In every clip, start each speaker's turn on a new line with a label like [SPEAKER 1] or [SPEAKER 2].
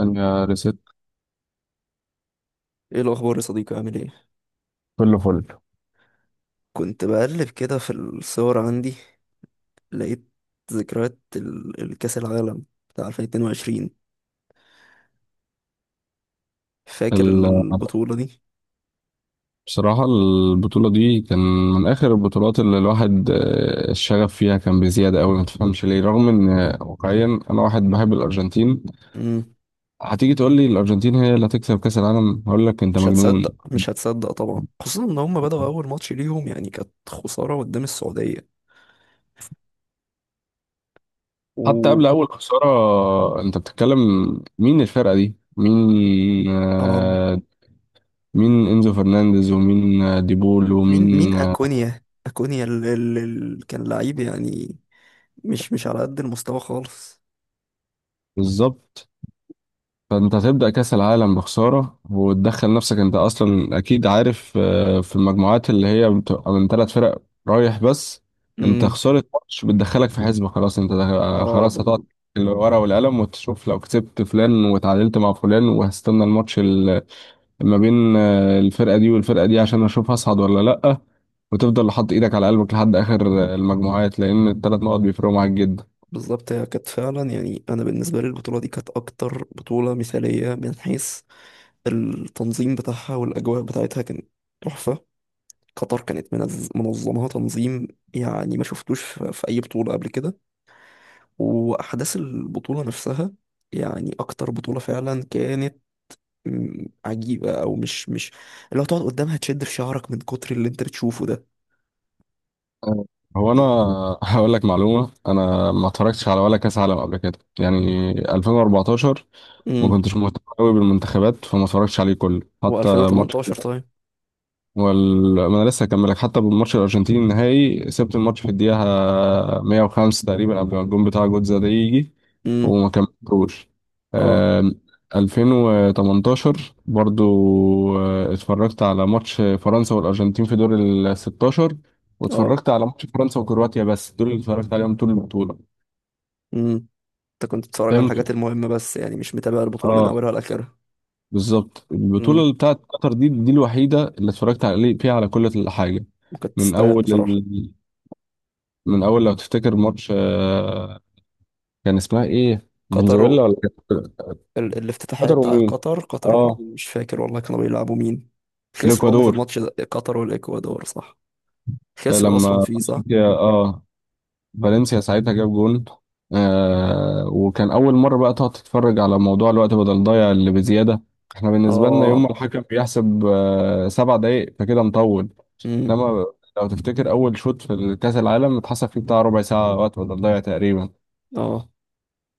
[SPEAKER 1] يا ريسيت.
[SPEAKER 2] ايه الاخبار يا صديقي، عامل ايه؟
[SPEAKER 1] كله فل.
[SPEAKER 2] كنت بقلب كده في الصور عندي، لقيت ذكريات الكاس العالم بتاع 2022. فاكر
[SPEAKER 1] ال-
[SPEAKER 2] البطولة دي؟
[SPEAKER 1] بصراحة البطولة دي كان من آخر البطولات اللي الواحد الشغف فيها كان بزيادة أوي، ما تفهمش ليه، رغم إن واقعيا أنا واحد بحب الأرجنتين.
[SPEAKER 2] امم.
[SPEAKER 1] هتيجي تقول لي الأرجنتين هي اللي هتكسب كأس العالم، هقول لك أنت
[SPEAKER 2] مش
[SPEAKER 1] مجنون.
[SPEAKER 2] هتصدق مش هتصدق طبعا، خصوصا ان هم بدأوا اول ماتش ليهم يعني كانت خسارة قدام السعودية.
[SPEAKER 1] حتى
[SPEAKER 2] و
[SPEAKER 1] قبل أول خسارة أنت بتتكلم. مين الفرقة دي؟ مين
[SPEAKER 2] اه
[SPEAKER 1] آه، مين إنزو فرنانديز، ومين ديبول،
[SPEAKER 2] مين، مين
[SPEAKER 1] ومين؟
[SPEAKER 2] اكونيا اكونيا اللي كان لعيب يعني، مش على قد المستوى خالص.
[SPEAKER 1] بالظبط. فانت هتبدأ كأس العالم بخسارة وتدخل نفسك، انت اصلا اكيد عارف في المجموعات اللي هي بتبقى من 3 فرق رايح بس. انت
[SPEAKER 2] امم.
[SPEAKER 1] خسارة ماتش بتدخلك في حسبة، خلاص انت
[SPEAKER 2] اه،
[SPEAKER 1] خلاص هتقعد الورقة والقلم وتشوف لو كسبت فلان وتعادلت مع فلان، وهستنى الماتش ما بين الفرقة دي والفرقة دي عشان اشوف هصعد ولا لأ. وتفضل حاطط ايدك على قلبك لحد اخر المجموعات، لان الثلاث نقط بيفرقوا معاك جدا.
[SPEAKER 2] بالظبط. هي كانت فعلا يعني انا بالنسبه لي البطوله دي كانت اكتر بطوله مثاليه من حيث التنظيم بتاعها والاجواء بتاعتها، كانت تحفه. قطر كانت منظمها تنظيم يعني ما شفتوش في اي بطوله قبل كده. واحداث البطوله نفسها يعني اكتر بطوله فعلا كانت عجيبه، او مش اللي هتقعد قدامها تشد في شعرك من كتر اللي انت بتشوفه ده.
[SPEAKER 1] آه، هو انا هقول لك معلومه، انا ما اتفرجتش على ولا كاس عالم قبل كده، يعني 2014 ما
[SPEAKER 2] امم.
[SPEAKER 1] كنتش مهتم قوي بالمنتخبات، فما اتفرجتش عليه كله حتى ماتش.
[SPEAKER 2] و2018 طيب؟
[SPEAKER 1] ما انا لسه هكملك، حتى بالماتش الارجنتيني النهائي سبت الماتش في الدقيقه 105 تقريبا قبل ما الجون بتاع جوتزا ده يجي،
[SPEAKER 2] امم.
[SPEAKER 1] وما كملتوش.
[SPEAKER 2] اه.
[SPEAKER 1] آم، 2018 برضو اتفرجت على ماتش فرنسا والارجنتين في دور ال 16، واتفرجت على ماتش فرنسا وكرواتيا، بس دول اللي اتفرجت عليهم طول البطوله.
[SPEAKER 2] اه، انت كنت بتتفرج على
[SPEAKER 1] فهمت.
[SPEAKER 2] الحاجات المهمة بس، يعني مش متابع البطولة من
[SPEAKER 1] اه
[SPEAKER 2] أولها لآخرها.
[SPEAKER 1] بالظبط، البطوله
[SPEAKER 2] امم.
[SPEAKER 1] اللي بتاعت قطر دي دي الوحيده اللي اتفرجت عليه فيها على كل حاجه.
[SPEAKER 2] وكانت
[SPEAKER 1] من
[SPEAKER 2] تستاهل
[SPEAKER 1] اول
[SPEAKER 2] بصراحة.
[SPEAKER 1] من اول لو تفتكر ماتش، كان اسمها ايه؟
[SPEAKER 2] قطر
[SPEAKER 1] فنزويلا
[SPEAKER 2] و...
[SPEAKER 1] ولا كانت
[SPEAKER 2] الافتتاحية
[SPEAKER 1] قطر
[SPEAKER 2] بتاع
[SPEAKER 1] ومين؟
[SPEAKER 2] قطر، قطر ومين؟
[SPEAKER 1] اه
[SPEAKER 2] مش فاكر والله، كانوا بيلعبوا مين؟ خسروا هما في
[SPEAKER 1] الاكوادور.
[SPEAKER 2] الماتش ده، قطر والإكوادور، صح؟ خسروا أصلا
[SPEAKER 1] لما
[SPEAKER 2] فيه، صح؟
[SPEAKER 1] فالنسيا، اه فالنسيا ساعتها جاب جون وكان اول مره بقى تقعد تتفرج على موضوع الوقت بدل ضايع اللي بزياده. احنا بالنسبه لنا يوم
[SPEAKER 2] اه.
[SPEAKER 1] ما الحكم بيحسب 7 دقايق فكده مطول.
[SPEAKER 2] امم.
[SPEAKER 1] لما لو تفتكر اول شوط في كاس العالم اتحسب فيه بتاع ربع ساعه وقت بدل ضايع تقريبا.
[SPEAKER 2] اه،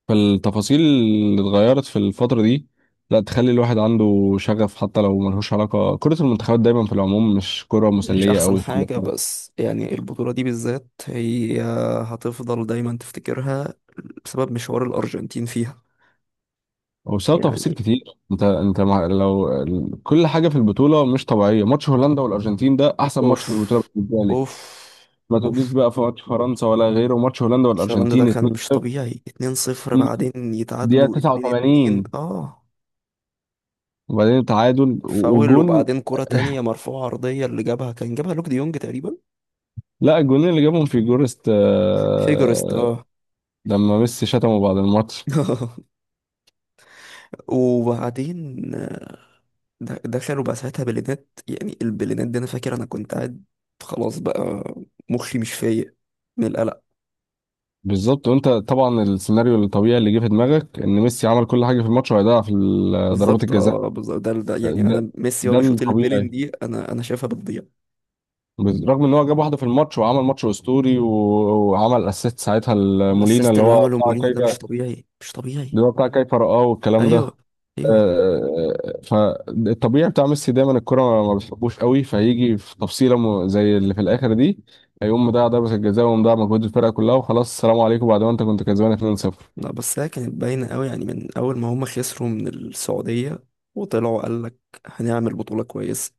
[SPEAKER 1] فالتفاصيل اللي اتغيرت في الفترة دي لا تخلي الواحد عنده شغف، حتى لو ملهوش علاقة، كرة المنتخبات دايما في العموم مش كرة
[SPEAKER 2] مش
[SPEAKER 1] مسلية
[SPEAKER 2] أحسن
[SPEAKER 1] أوي.
[SPEAKER 2] حاجة، بس يعني البطولة دي بالذات هي هتفضل دايما تفتكرها بسبب مشوار الأرجنتين فيها
[SPEAKER 1] وبسبب تفاصيل
[SPEAKER 2] يعني.
[SPEAKER 1] كتير، انت مع لو كل حاجة في البطولة مش طبيعية. ماتش هولندا والأرجنتين ده أحسن ماتش في البطولة
[SPEAKER 2] أوف.
[SPEAKER 1] بالنسبة لي.
[SPEAKER 2] أوف.
[SPEAKER 1] ما تقوليش
[SPEAKER 2] أوف.
[SPEAKER 1] بقى في ماتش فرنسا ولا غيره، ماتش هولندا
[SPEAKER 2] هولندا ده
[SPEAKER 1] والأرجنتين
[SPEAKER 2] كان مش
[SPEAKER 1] 2-0.
[SPEAKER 2] طبيعي، 2-0 بعدين
[SPEAKER 1] دقيقة
[SPEAKER 2] يتعادلوا 2-2،
[SPEAKER 1] 89
[SPEAKER 2] اه.
[SPEAKER 1] وبعدين تعادل
[SPEAKER 2] فاول،
[SPEAKER 1] وجون.
[SPEAKER 2] وبعدين كرة تانية مرفوعة عرضية اللي جابها، كان جابها لوك دي يونج تقريبا.
[SPEAKER 1] لا الجونين اللي جابهم في جورست
[SPEAKER 2] فيجرست، اه.
[SPEAKER 1] لما ميسي شتمه بعد الماتش.
[SPEAKER 2] وبعدين، دخلوا بقى ساعتها بلينات. يعني البلينات دي انا فاكر، انا كنت قاعد خلاص بقى، مخي مش فايق من القلق.
[SPEAKER 1] بالظبط. وانت طبعا السيناريو الطبيعي اللي جه في دماغك ان ميسي عمل كل حاجه في الماتش وهيضيع في ضربات
[SPEAKER 2] بالظبط
[SPEAKER 1] الجزاء.
[SPEAKER 2] اه بالظبط، ده يعني.
[SPEAKER 1] ده,
[SPEAKER 2] انا، ميسي هو
[SPEAKER 1] ده
[SPEAKER 2] بيشوط البلين
[SPEAKER 1] الطبيعي.
[SPEAKER 2] دي، انا شايفها بتضيع.
[SPEAKER 1] رغم ان هو جاب واحده في الماتش وعمل ماتش اسطوري وعمل اسيست ساعتها لمولينا
[SPEAKER 2] الاسيست
[SPEAKER 1] اللي
[SPEAKER 2] اللي
[SPEAKER 1] هو
[SPEAKER 2] عمله
[SPEAKER 1] بتاع
[SPEAKER 2] مولينا ده
[SPEAKER 1] كايفا.
[SPEAKER 2] مش طبيعي مش طبيعي.
[SPEAKER 1] رقاه والكلام
[SPEAKER 2] ايوه
[SPEAKER 1] ده.
[SPEAKER 2] ايوه.
[SPEAKER 1] فالطبيعي بتاع ميسي دايما الكرة ما بتحبوش قوي، فهيجي في تفصيله زي اللي في الاخر دي، هيقوم مضيع ضربه الجزاء ومضيع مجهود الفرقه كلها وخلاص السلام عليكم بعد ما انت كنت كسبان 2-0.
[SPEAKER 2] لا بس هي كانت باينة قوي، يعني من أول ما هما خسروا من السعودية وطلعوا قالك هنعمل بطولة كويسة.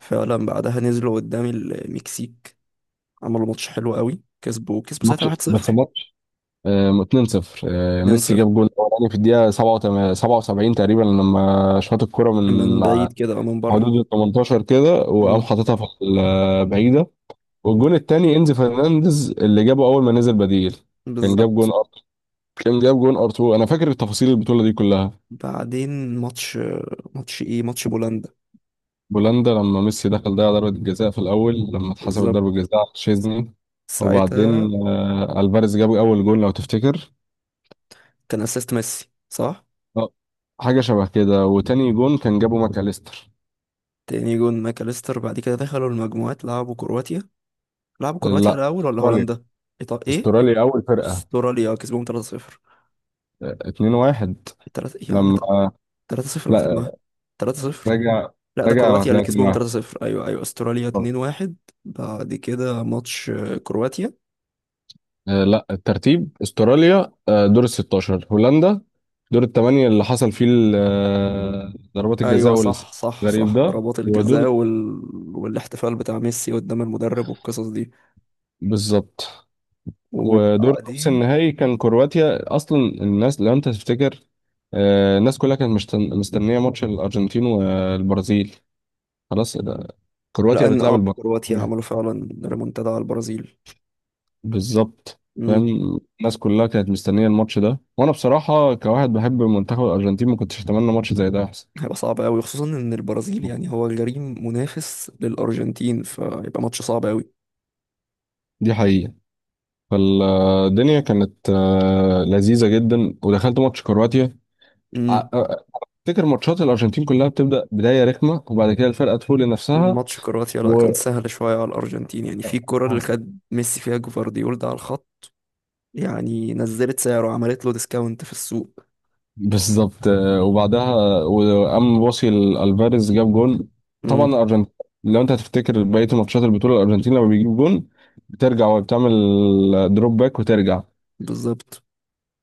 [SPEAKER 2] فعلا بعدها نزلوا قدام المكسيك، عملوا ماتش حلو قوي، كسبوا ساعتها
[SPEAKER 1] ماتش بس
[SPEAKER 2] 1-0.
[SPEAKER 1] ماتش 2-0. ميسي
[SPEAKER 2] 2-0.
[SPEAKER 1] جاب جول اولاني في الدقيقه 77 77 تقريبا، لما شاط الكره
[SPEAKER 2] من
[SPEAKER 1] من
[SPEAKER 2] بعيد كده أو من بره.
[SPEAKER 1] حدود ال 18 كده، وقام
[SPEAKER 2] مم.
[SPEAKER 1] حاططها في البعيده. والجون الثاني انزي فرنانديز اللي جابه اول ما نزل بديل. كان جاب جون
[SPEAKER 2] بالظبط.
[SPEAKER 1] ار كان جاب جون ار 2. انا فاكر التفاصيل البطوله دي كلها.
[SPEAKER 2] بعدين ماتش، ماتش إيه، ماتش بولندا.
[SPEAKER 1] بولندا لما ميسي دخل ضيع ضربه الجزاء في الاول لما اتحسبت
[SPEAKER 2] بالظبط
[SPEAKER 1] ضربه جزاء على تشيزني. وبعدين
[SPEAKER 2] ساعتها.
[SPEAKER 1] الفاريز جاب اول جون لو تفتكر
[SPEAKER 2] كان أسيست ميسي، صح؟
[SPEAKER 1] آه، حاجه شبه كده. وتاني جون كان جابه ماكاليستر.
[SPEAKER 2] تاني جون ماكاليستر. بعد كده دخلوا المجموعات، لعبوا كرواتيا. لعبوا كرواتيا
[SPEAKER 1] لا
[SPEAKER 2] الأول ولا
[SPEAKER 1] استراليا.
[SPEAKER 2] هولندا؟ إيطاليا إيه،
[SPEAKER 1] استراليا اول فرقه
[SPEAKER 2] استراليا كسبهم 3-0.
[SPEAKER 1] 2 1.
[SPEAKER 2] 3 يا عم،
[SPEAKER 1] لما
[SPEAKER 2] 3-0 قلت بقى.
[SPEAKER 1] لا
[SPEAKER 2] 3-0.
[SPEAKER 1] راجع.
[SPEAKER 2] لا ده
[SPEAKER 1] راجع
[SPEAKER 2] كرواتيا اللي
[SPEAKER 1] وهتلاقي 2
[SPEAKER 2] كسبهم
[SPEAKER 1] 1.
[SPEAKER 2] 3-0. ايوه ايوه، استراليا 2-1. بعد كده ماتش كرواتيا.
[SPEAKER 1] لا الترتيب، استراليا دور ال 16، هولندا دور الثمانيه اللي حصل فيه ضربات الجزاء
[SPEAKER 2] ايوه صح صح
[SPEAKER 1] والغريب
[SPEAKER 2] صح.
[SPEAKER 1] ده.
[SPEAKER 2] ضربات الجزاء
[SPEAKER 1] ودور،
[SPEAKER 2] والاحتفال بتاع ميسي قدام المدرب والقصص دي.
[SPEAKER 1] بالظبط. ودور نص
[SPEAKER 2] وبعدين،
[SPEAKER 1] النهائي كان كرواتيا. اصلا الناس لو انت تفتكر الناس كلها كانت مستنيه ماتش الارجنتين والبرازيل. خلاص ده، كرواتيا
[SPEAKER 2] لان
[SPEAKER 1] بتلعب
[SPEAKER 2] اه كرواتيا
[SPEAKER 1] البرازيل.
[SPEAKER 2] عملوا فعلا ريمونتادا على البرازيل.
[SPEAKER 1] بالظبط.
[SPEAKER 2] امم.
[SPEAKER 1] فاهم. الناس كلها كانت مستنيه الماتش ده، وانا بصراحه كواحد بحب منتخب الارجنتين ما كنتش اتمنى ماتش زي ده يحصل.
[SPEAKER 2] هيبقى صعب قوي، خصوصا ان البرازيل يعني هو الجريم منافس للارجنتين، فهيبقى ماتش صعب
[SPEAKER 1] دي حقيقه. فالدنيا كانت لذيذه جدا. ودخلت ماتش كرواتيا
[SPEAKER 2] قوي.
[SPEAKER 1] ع- آه، افتكر ماتشات الارجنتين كلها بتبدا بدايه رخمه وبعد كده الفرقه تفوق لنفسها.
[SPEAKER 2] ماتش كرواتيا لا
[SPEAKER 1] و
[SPEAKER 2] كان سهل شوية على الأرجنتين، يعني في الكرة اللي
[SPEAKER 1] آه.
[SPEAKER 2] خد ميسي فيها جفارديول ده على الخط. يعني نزلت سعره، عملت له ديسكاونت في السوق.
[SPEAKER 1] بالظبط. وبعدها وقام باصي لالفاريز جاب جون. طبعا
[SPEAKER 2] امم.
[SPEAKER 1] الارجنتين، لو انت هتفتكر بقيه ماتشات البطوله، الارجنتين لما بيجيب جون بترجع وبتعمل دروب باك وترجع،
[SPEAKER 2] بالظبط.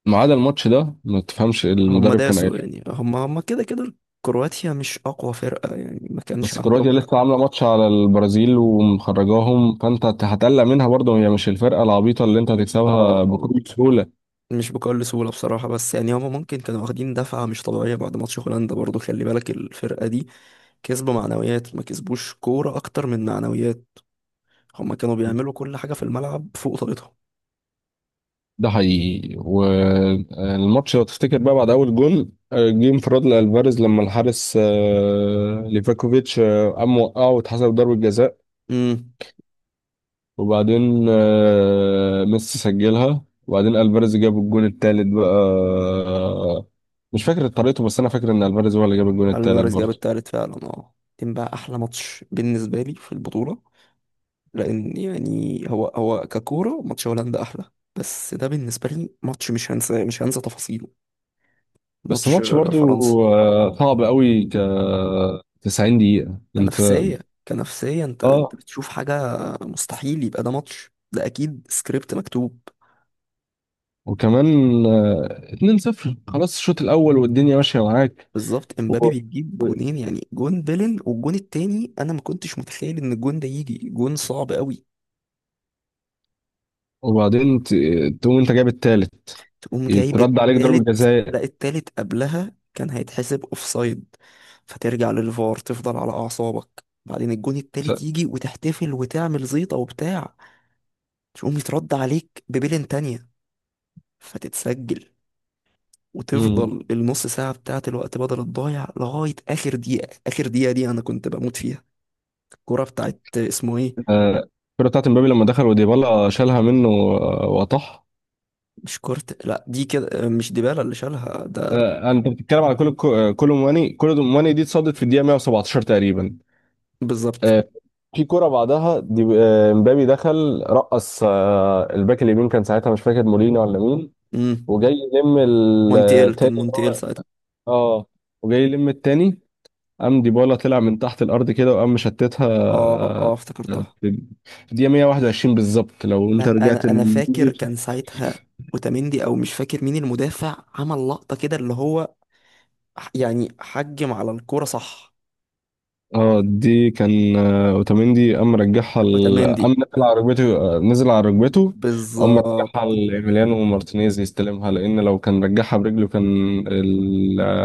[SPEAKER 1] ما عدا الماتش ده. ما تفهمش
[SPEAKER 2] هم
[SPEAKER 1] المدرب كان قايل
[SPEAKER 2] داسوا
[SPEAKER 1] إيه.
[SPEAKER 2] يعني، هم كده كده. كرواتيا مش أقوى فرقة يعني، ما كانش
[SPEAKER 1] بس
[SPEAKER 2] عندهم
[SPEAKER 1] كرواتيا
[SPEAKER 2] حد.
[SPEAKER 1] لسه عامله ماتش على البرازيل ومخرجاهم، فانت هتقلق منها برضه، هي مش الفرقه العبيطه اللي انت
[SPEAKER 2] اه.
[SPEAKER 1] هتكسبها بكل
[SPEAKER 2] آه.
[SPEAKER 1] سهوله.
[SPEAKER 2] مش بكل سهولة بصراحة، بس يعني هم ممكن كانوا واخدين دفعة مش طبيعية بعد ماتش هولندا برضو. خلي بالك الفرقة دي كسبوا معنويات ما كسبوش كورة، أكتر من معنويات. هم كانوا بيعملوا كل حاجة في الملعب فوق طاقتهم.
[SPEAKER 1] ده حقيقي. والماتش لو تفتكر بقى بعد اول جون، جه انفراد لالفاريز لما الحارس ليفاكوفيتش قام وقعه واتحسب ضربة جزاء.
[SPEAKER 2] امم.
[SPEAKER 1] وبعدين ميسي سجلها. وبعدين الفاريز جاب الجون التالت بقى. مش فاكر طريقته، بس انا فاكر ان الفاريز هو اللي جاب الجون التالت
[SPEAKER 2] الفاريز جاب
[SPEAKER 1] برضه.
[SPEAKER 2] التالت فعلا اه، كان بقى احلى ماتش بالنسبه لي في البطوله، لان يعني هو هو ككوره ماتش هولندا احلى. بس ده بالنسبه لي ماتش مش هنسى مش هنسى تفاصيله.
[SPEAKER 1] بس
[SPEAKER 2] ماتش
[SPEAKER 1] ماتش برضه
[SPEAKER 2] فرنسا،
[SPEAKER 1] صعب قوي، 90 دقيقة انت.
[SPEAKER 2] كنفسيه كنفسيه. انت
[SPEAKER 1] اه
[SPEAKER 2] بتشوف حاجه مستحيل، يبقى ده ماتش، ده اكيد سكريبت مكتوب.
[SPEAKER 1] وكمان 2-0 خلاص الشوط الاول والدنيا ماشيه معاك.
[SPEAKER 2] بالظبط. امبابي
[SPEAKER 1] و-
[SPEAKER 2] بيجيب
[SPEAKER 1] و-
[SPEAKER 2] جونين، يعني جون بيلن والجون التاني انا ما كنتش متخيل ان الجون ده يجي. جون صعب قوي.
[SPEAKER 1] وبعدين تقوم انت جايب التالت،
[SPEAKER 2] تقوم جايب
[SPEAKER 1] يترد عليك ضربة
[SPEAKER 2] التالت.
[SPEAKER 1] جزاء.
[SPEAKER 2] لا التالت قبلها كان هيتحسب اوفسايد، فترجع للفار، تفضل على اعصابك، بعدين الجون
[SPEAKER 1] ف-
[SPEAKER 2] التالت يجي وتحتفل وتعمل زيطة وبتاع. تقوم يترد عليك ببيلين تانية فتتسجل،
[SPEAKER 1] مم.
[SPEAKER 2] وتفضل النص ساعة بتاعة الوقت بدل الضايع لغاية آخر دقيقة. آخر دقيقة دي أنا كنت بموت فيها. الكرة بتاعت اسمه إيه؟
[SPEAKER 1] آه، الكرة بتاعت مبابي لما دخل وديبالا شالها منه وطح.
[SPEAKER 2] مش كورت، لا دي كده مش ديبالا اللي شالها ده.
[SPEAKER 1] انت بتتكلم على كل كل مواني دي اتصدت في الدقيقة 117 تقريبا.
[SPEAKER 2] بالظبط.
[SPEAKER 1] آه، في كرة بعدها دي مبابي دخل رقص الباك اليمين كان ساعتها مش فاكر مولينا ولا مين.
[SPEAKER 2] امم.
[SPEAKER 1] وجاي يلم
[SPEAKER 2] مونتيل،
[SPEAKER 1] التاني
[SPEAKER 2] كان
[SPEAKER 1] اللي
[SPEAKER 2] مونتيل
[SPEAKER 1] هو
[SPEAKER 2] ساعتها.
[SPEAKER 1] اه وجاي يلم التاني. قام ديبالا طلع من تحت الارض كده وقام مشتتها
[SPEAKER 2] اه اه افتكرتها.
[SPEAKER 1] في الدقيقه 121 بالظبط لو انت
[SPEAKER 2] لا
[SPEAKER 1] رجعت
[SPEAKER 2] انا فاكر كان ساعتها اوتاميندي او مش فاكر مين المدافع، عمل لقطة كده اللي هو يعني حجم على الكورة، صح؟
[SPEAKER 1] اه. دي كان اوتاميندي قام رجعها قام
[SPEAKER 2] اوتاميندي،
[SPEAKER 1] نزل على ركبته وقام
[SPEAKER 2] بالظبط.
[SPEAKER 1] رجعها لإيميليانو مارتينيز يستلمها، لان لو كان رجعها برجله كان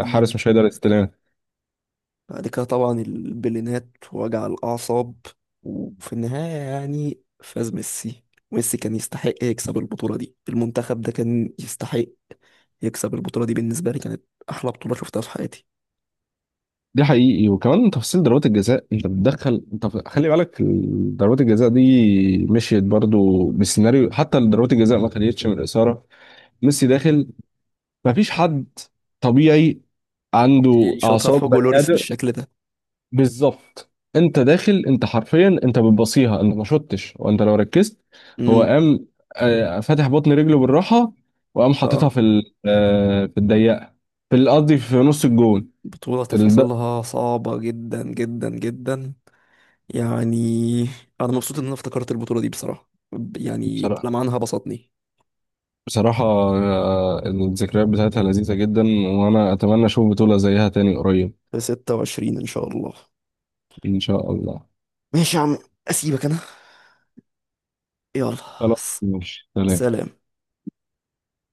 [SPEAKER 2] دي دي
[SPEAKER 1] مش هيقدر يستلمها.
[SPEAKER 2] بعد كده طبعا البلينات، وجع الأعصاب. وفي النهاية يعني فاز ميسي. ميسي كان يستحق يكسب البطولة دي، المنتخب ده كان يستحق يكسب البطولة دي. بالنسبة لي كانت أحلى بطولة شفتها في حياتي.
[SPEAKER 1] دي حقيقي. وكمان تفاصيل ضربات الجزاء انت بتدخل انت خلي بالك ضربات الجزاء دي مشيت برضو بالسيناريو. حتى ضربات الجزاء ما خدتش من الاثاره. ميسي داخل، مفيش حد طبيعي عنده
[SPEAKER 2] يشوطها
[SPEAKER 1] اعصاب
[SPEAKER 2] في هوجو
[SPEAKER 1] بني
[SPEAKER 2] لوريس
[SPEAKER 1] ادم.
[SPEAKER 2] بالشكل ده.
[SPEAKER 1] بالظبط. انت داخل انت حرفيا، انت بتبصيها انت ما شطتش. وانت لو ركزت هو
[SPEAKER 2] امم.
[SPEAKER 1] قام فاتح بطن رجله بالراحه، وقام حاططها
[SPEAKER 2] اه.
[SPEAKER 1] في في الضيقه. في قصدي في نص الجون.
[SPEAKER 2] بطولة
[SPEAKER 1] ال- ده
[SPEAKER 2] تفاصيلها صعبة جدا جدا جدا، يعني أنا مبسوط إن أنا افتكرت البطولة دي بصراحة، يعني
[SPEAKER 1] بصراحه.
[SPEAKER 2] لمعانها بسطني.
[SPEAKER 1] بصراحه الذكريات بتاعتها لذيذه جدا، وانا اتمنى اشوف بطوله زيها تاني قريب.
[SPEAKER 2] في 26 إن شاء الله.
[SPEAKER 1] ان شاء الله.
[SPEAKER 2] ماشي يا عم، أسيبك أنا، يلا.
[SPEAKER 1] خلاص
[SPEAKER 2] س-
[SPEAKER 1] ماشي. سلام.
[SPEAKER 2] سلام.